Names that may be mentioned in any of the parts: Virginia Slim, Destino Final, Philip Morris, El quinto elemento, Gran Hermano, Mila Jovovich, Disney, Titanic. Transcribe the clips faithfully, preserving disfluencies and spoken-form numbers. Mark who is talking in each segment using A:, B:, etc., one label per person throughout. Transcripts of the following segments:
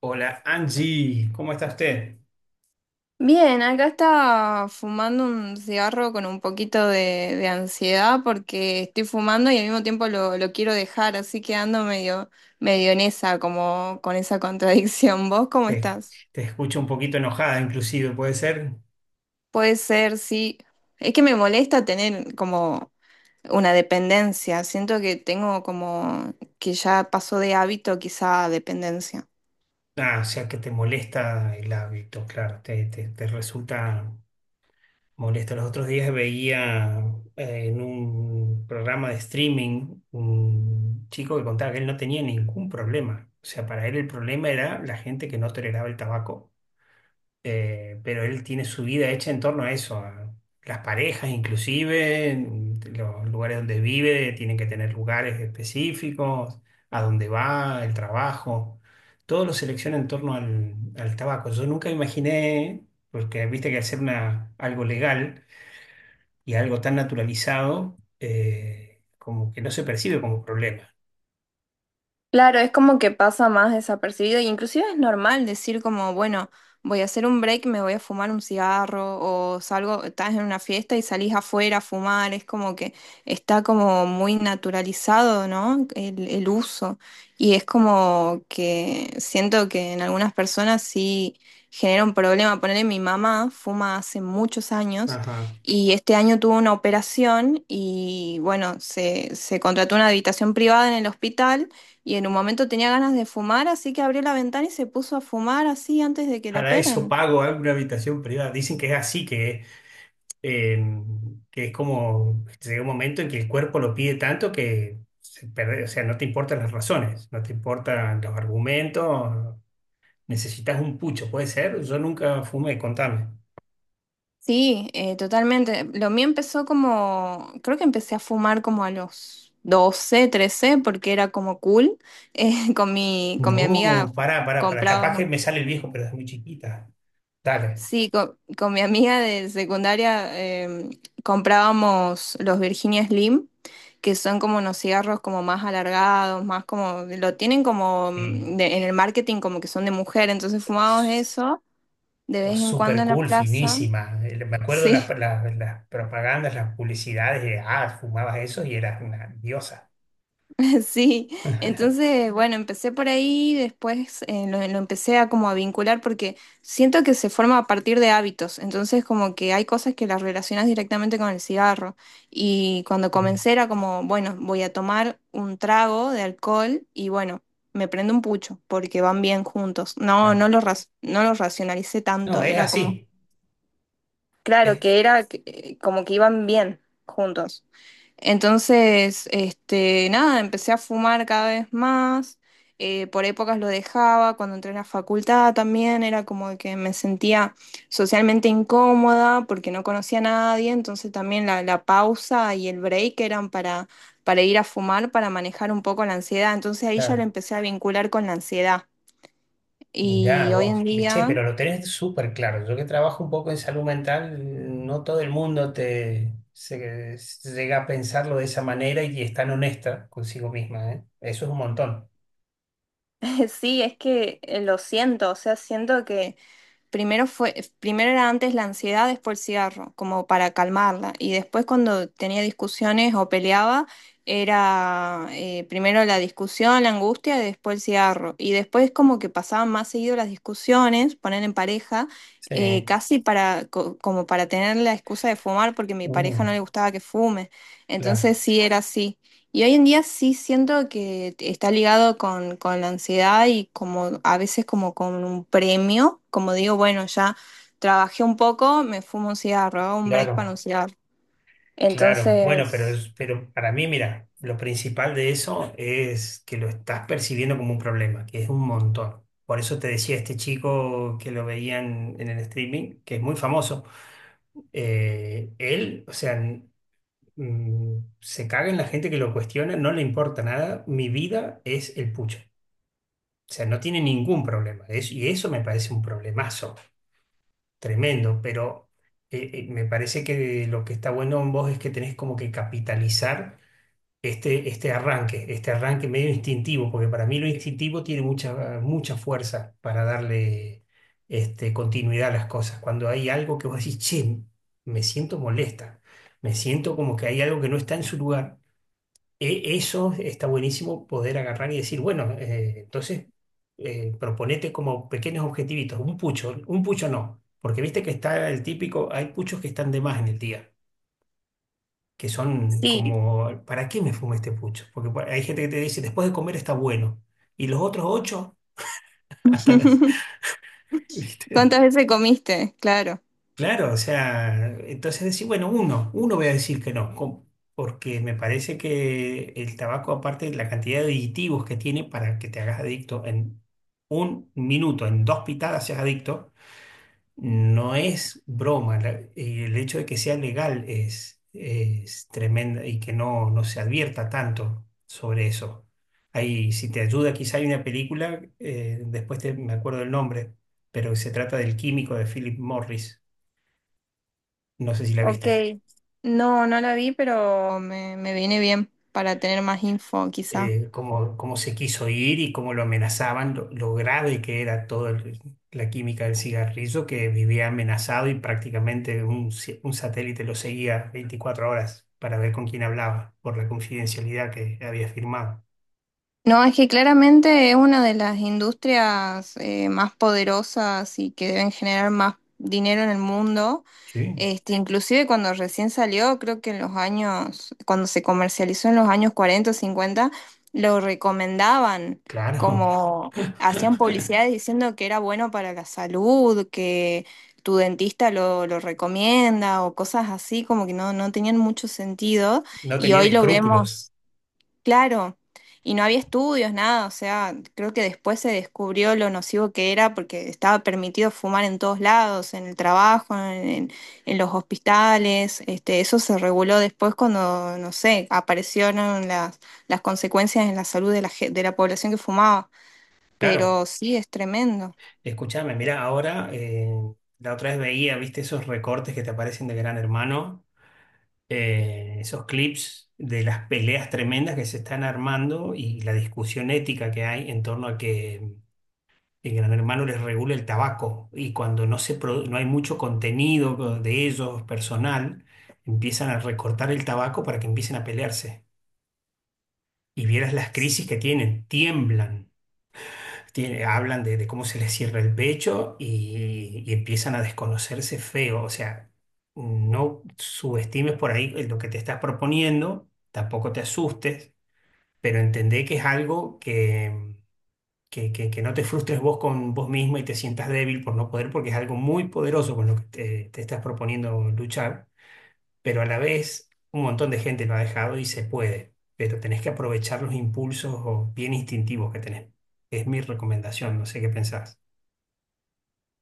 A: Hola Angie, ¿cómo está usted?
B: Bien, acá está fumando un cigarro con un poquito de, de ansiedad porque estoy fumando y al mismo tiempo lo, lo quiero dejar, así que ando medio, medio en esa, como con esa contradicción. ¿Vos cómo
A: Te,
B: estás?
A: te escucho un poquito enojada, inclusive, ¿puede ser?
B: Puede ser, sí. Es que me molesta tener como una dependencia. Siento que tengo como que ya pasó de hábito quizá a dependencia.
A: Ah, o sea que te molesta el hábito, claro, te, te- te resulta molesto. Los otros días veía eh, en un programa de streaming un chico que contaba que él no tenía ningún problema. O sea, para él el problema era la gente que no toleraba el tabaco. Eh, pero él tiene su vida hecha en torno a eso, a las parejas inclusive, en los lugares donde vive, tienen que tener lugares específicos, a dónde va, el trabajo, todo lo selecciona en torno al, al tabaco. Yo nunca imaginé, porque viste que hacer una, algo legal y algo tan naturalizado, eh, como que no se percibe como problema.
B: Claro, es como que pasa más desapercibido, e inclusive es normal decir como, bueno, voy a hacer un break, me voy a fumar un cigarro, o salgo, estás en una fiesta y salís afuera a fumar, es como que está como muy naturalizado, ¿no? El, el uso. Y es como que siento que en algunas personas sí genera un problema. Ponerle mi mamá fuma hace muchos años.
A: Ajá.
B: Y este año tuvo una operación y bueno, se, se contrató una habitación privada en el hospital y en un momento tenía ganas de fumar, así que abrió la ventana y se puso a fumar así antes de que lo
A: Para eso
B: operen.
A: pago alguna habitación privada. Dicen que es así, que eh, que es como, llega un momento en que el cuerpo lo pide tanto que se perde- o sea, no te importan las razones, no te importan los argumentos, necesitas un pucho, puede ser, yo nunca fumé, contame.
B: Sí, eh, totalmente. Lo mío empezó como, creo que empecé a fumar como a los doce trece porque era como cool. Eh, con mi, con mi amiga
A: No, pará, pará, pará, capaz que
B: comprábamos.
A: me sale el viejo, pero es muy chiquita. Dale,
B: Sí, co- con, mi amiga de secundaria em, comprábamos los Virginia Slim, que son como unos cigarros como más alargados, más como, lo tienen como
A: sí.
B: mm, de- en el marketing como que son de mujer, entonces fumábamos
A: Es-
B: eso de vez
A: es
B: en cuando en la
A: cool,
B: plaza.
A: finísima. Eh, Me acuerdo las,
B: Sí.
A: las, las propagandas, las publicidades de, ah, fumabas eso y eras una diosa.
B: Sí, entonces, bueno, empecé por ahí, después eh, lo, lo empecé a como a vincular porque siento que se forma a partir de hábitos, entonces como que hay cosas que las relacionas directamente con el cigarro y cuando
A: Sí,
B: comencé era como, bueno, voy a tomar un trago de alcohol y bueno, me prendo un pucho porque van bien juntos. No, no
A: claro.
B: lo, ras- no lo racionalicé
A: No,
B: tanto,
A: es
B: era como,
A: así.
B: claro,
A: Es,
B: que era que- eh, como que iban bien juntos. Entonces, este, nada, empecé a fumar cada vez más. eh, por épocas lo dejaba, cuando entré a la facultad también era como que me sentía socialmente incómoda porque no conocía a nadie, entonces también la, la pausa y el break eran para, para ir a fumar, para manejar un poco la ansiedad, entonces ahí ya lo
A: claro
B: empecé a vincular con la ansiedad. Y
A: Mirá
B: hoy en
A: vos, che,
B: día,
A: pero lo tenés súper claro. Yo que trabajo un poco en salud mental, no todo el mundo te se- se llega a pensarlo de esa manera y es tan honesta consigo misma, ¿eh? Eso es un montón.
B: sí, es que eh, lo siento, o sea, siento que... Primero fue, primero era antes la ansiedad, después el cigarro, como para calmarla. Y después cuando tenía discusiones o peleaba, era eh, primero la discusión, la angustia, y después el cigarro. Y después como que pasaban más seguido las discusiones, poner en pareja, eh,
A: Sí.
B: casi para, co- como para tener la excusa de fumar, porque a mi
A: Uh,
B: pareja no le gustaba que fume. Entonces
A: claro,
B: sí era así. Y hoy en día sí siento que está ligado con, con la ansiedad y como a veces como con un premio, como digo, bueno, ya trabajé un poco, me fumo un cigarro, hago un break para un
A: claro,
B: cigarro.
A: claro. Bueno, pero,
B: Entonces,
A: es- pero para mí, mira, lo principal de eso es que lo estás percibiendo como un problema, que es un montón. Por eso te decía este chico que lo veían en el streaming, que es muy famoso eh, él, o sea, mm, se caga en la gente que lo cuestiona, no le importa nada, mi vida es el pucho. O sea, no tiene ningún problema. Es- y eso me parece un problemazo tremendo, pero eh, eh, me parece que lo que está bueno en vos es que tenés como que capitalizar este, este arranque, este arranque medio instintivo, porque para mí lo instintivo tiene mucha, mucha fuerza para darle este, continuidad a las cosas. Cuando hay algo que vos decís, che, me siento molesta, me siento como que hay algo que no está en su lugar e- eso está buenísimo poder agarrar y decir, bueno, eh, entonces eh, proponete como pequeños objetivitos, un pucho, un pucho no, porque viste que está el típico, hay puchos que están de más en el día, que son
B: sí.
A: como, ¿para qué me fumo este pucho? Porque por- hay gente que te dice, después de comer está bueno, y los otros ocho, hasta las, ¿viste?
B: ¿Cuántas veces comiste? Claro.
A: Claro, o sea, entonces decir, bueno, uno, uno voy a decir que no, com- porque me parece que el tabaco, aparte de la cantidad de aditivos que tiene para que te hagas adicto en un minuto, en dos pitadas seas adicto, no es broma. La- eh, el hecho de que sea legal es, es tremendo y que no, no se advierta tanto sobre eso. Ahí, si te ayuda, quizá hay una película, eh, después te- me acuerdo del nombre, pero se trata del químico de Philip Morris, no sé si la
B: Ok.
A: viste.
B: No, no la vi, pero me, me viene bien para tener más info, quizá.
A: Eh, cómo, cómo se quiso ir y cómo lo amenazaban, lo, lo grave que era toda la química del cigarrillo, que vivía amenazado y prácticamente un, ci- un satélite lo seguía veinticuatro horas para ver con quién hablaba, por la confidencialidad que había firmado.
B: No, es que claramente es una de las industrias eh, más poderosas y que deben generar más dinero en el mundo.
A: Sí,
B: Este, inclusive cuando recién salió, creo que en los años, cuando se comercializó en los años cuarenta, o cincuenta, lo recomendaban,
A: claro.
B: como hacían publicidades diciendo que era bueno para la salud, que tu dentista lo, lo recomienda o cosas así, como que no, no tenían mucho sentido.
A: No
B: Y
A: tenían
B: hoy lo
A: escrúpulos,
B: vemos. Claro, y no había estudios, nada, o sea, creo que después se descubrió lo nocivo que era porque estaba permitido fumar en todos lados, en el trabajo, en, en- en los hospitales, este, eso se reguló después cuando, no sé, aparecieron las, las consecuencias en la salud de la, ge- de la población que fumaba,
A: claro.
B: pero sí, es tremendo.
A: Escúchame, mira, ahora eh, la otra vez veía, viste, esos recortes que te aparecen de Gran Hermano, eh, esos clips de las peleas tremendas que se están armando y la discusión ética que hay en torno a que el Gran Hermano les regula el tabaco y cuando no se produ- no hay mucho contenido de ellos personal, empiezan a recortar el tabaco para que empiecen a pelearse. Y vieras las crisis que tienen, tiemblan, tiene- hablan de, de cómo se les cierra el pecho y, y empiezan a desconocerse feo. O sea, no subestimes por ahí lo que te estás proponiendo, tampoco te asustes, pero entendé que es algo que, que, que- que no te frustres vos con vos mismo y te sientas débil por no poder, porque es algo muy poderoso con lo que te, te estás proponiendo luchar, pero a la vez un montón de gente lo ha dejado y se puede. Pero tenés que aprovechar los impulsos o bien instintivos que tenés. Es mi recomendación, no sé qué pensás.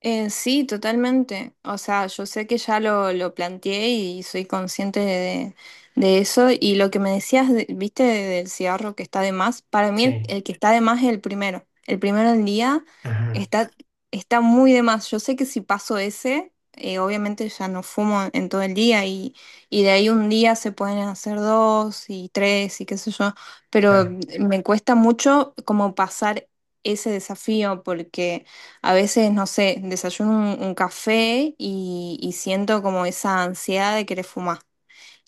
B: Eh, sí, totalmente. O sea, yo sé que ya lo, lo planteé y soy consciente de, de eso. Y lo que me decías, de- viste, del cigarro que está de más, para mí el,
A: Sí,
B: el que está de más es el primero. El primero del día
A: ajá,
B: está, está muy de más. Yo sé que si paso ese, eh, obviamente ya no fumo en todo el día y, y de ahí un día se pueden hacer dos y tres y qué sé yo. Pero
A: claro,
B: mm, me cuesta mucho como pasar ese desafío porque... A veces, no sé, desayuno un, un café y, y siento como esa ansiedad de querer fumar.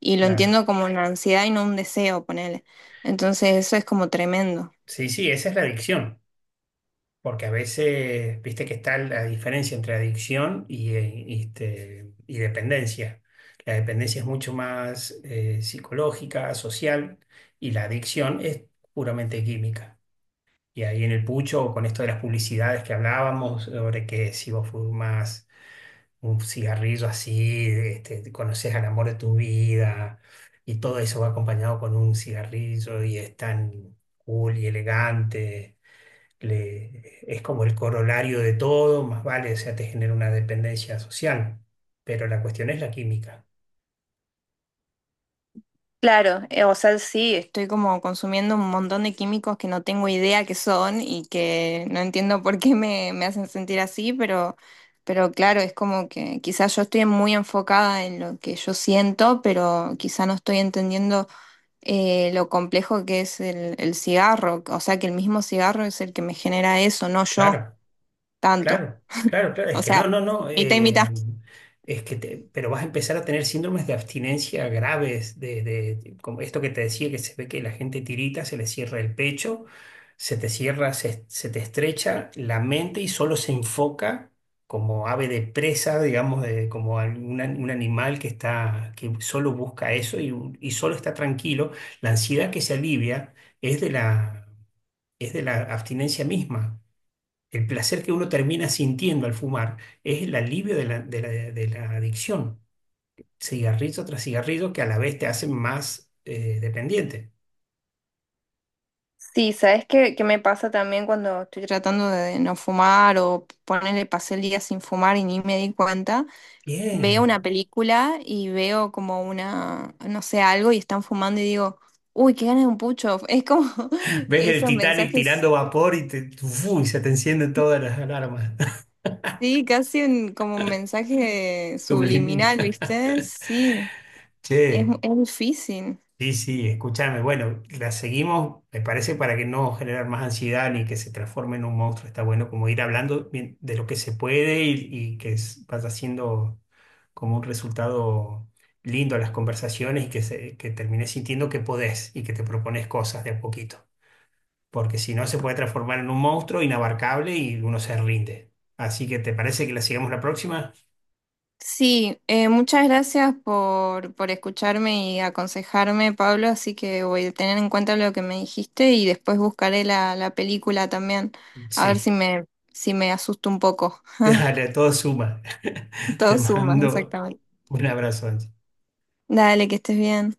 B: Y lo
A: claro.
B: entiendo como una ansiedad y no un deseo, ponele. Entonces eso es como tremendo.
A: Sí, sí, esa es la adicción, porque a veces, viste que está la diferencia entre adicción y, eh, y, este, y dependencia. La dependencia es mucho más eh, psicológica, social, y la adicción es puramente química. Y ahí en el pucho, con esto de las publicidades que hablábamos, sobre que si vos fumas un cigarrillo así, este, conoces al amor de tu vida y todo eso va acompañado con un cigarrillo y es tan cool y elegante, le- es como el corolario de todo, más vale, o sea, te genera una dependencia social, pero la cuestión es la química.
B: Claro, eh, o sea, sí, estoy como consumiendo un montón de químicos que no tengo idea qué son y que no entiendo por qué me, me hacen sentir así, pero, pero claro, es como que quizás yo estoy muy enfocada en lo que yo siento, pero quizás no estoy entendiendo. eh, lo complejo que es el, el cigarro. O sea, que el mismo cigarro es el que me genera eso, no yo
A: Claro.
B: tanto.
A: Claro, claro, claro. Es
B: O
A: que no,
B: sea,
A: no, no.
B: mitad y
A: Eh,
B: mitad.
A: es que te- pero vas a empezar a tener síndromes de abstinencia graves, de, de- como esto que te decía, que se ve que la gente tirita, se le cierra el pecho, se te cierra, se, se te estrecha la mente y solo se enfoca como ave de presa, digamos, de- como algún an- un animal que está, que solo busca eso y, un- y solo está tranquilo. La ansiedad que se alivia es de la, es de la abstinencia misma. El placer que uno termina sintiendo al fumar es el alivio de la, de la- de la adicción, cigarrillo tras cigarrillo, que a la vez te hacen más eh, dependiente.
B: Sí, ¿sabes qué, qué me pasa también cuando estoy tratando de no fumar o ponerle pasé el día sin fumar y ni me di cuenta? Veo
A: Bien.
B: una película y veo como una, no sé, algo y están fumando y digo, uy, qué ganas de un pucho. Es como
A: Ves el
B: esos
A: Titanic
B: mensajes,
A: tirando vapor y, te, uf, y se te encienden todas las alarmas.
B: sí, casi un- como un mensaje
A: Subliminal.
B: subliminal, ¿viste? Sí. Es, mu-
A: Che.
B: es difícil.
A: Sí, sí, escúchame. Bueno, la seguimos, me parece, para que no generar más ansiedad ni que se transforme en un monstruo. Está bueno como ir hablando bien de lo que se puede y, y que es- vaya siendo como un resultado lindo a las conversaciones y que, se, que termines sintiendo que podés y que te propones cosas de a poquito. Porque si no, se puede transformar en un monstruo inabarcable y uno se rinde. Así que, ¿te parece que la sigamos la próxima?
B: Sí, eh, muchas gracias por, por escucharme y aconsejarme, Pablo, así que voy a tener en cuenta lo que me dijiste y después buscaré la, la película también, a ver si
A: Sí,
B: me, si me asusto un poco.
A: dale, todo suma. Te
B: Todo suma,
A: mando
B: exactamente.
A: un abrazo, Angie.
B: Dale, que estés bien.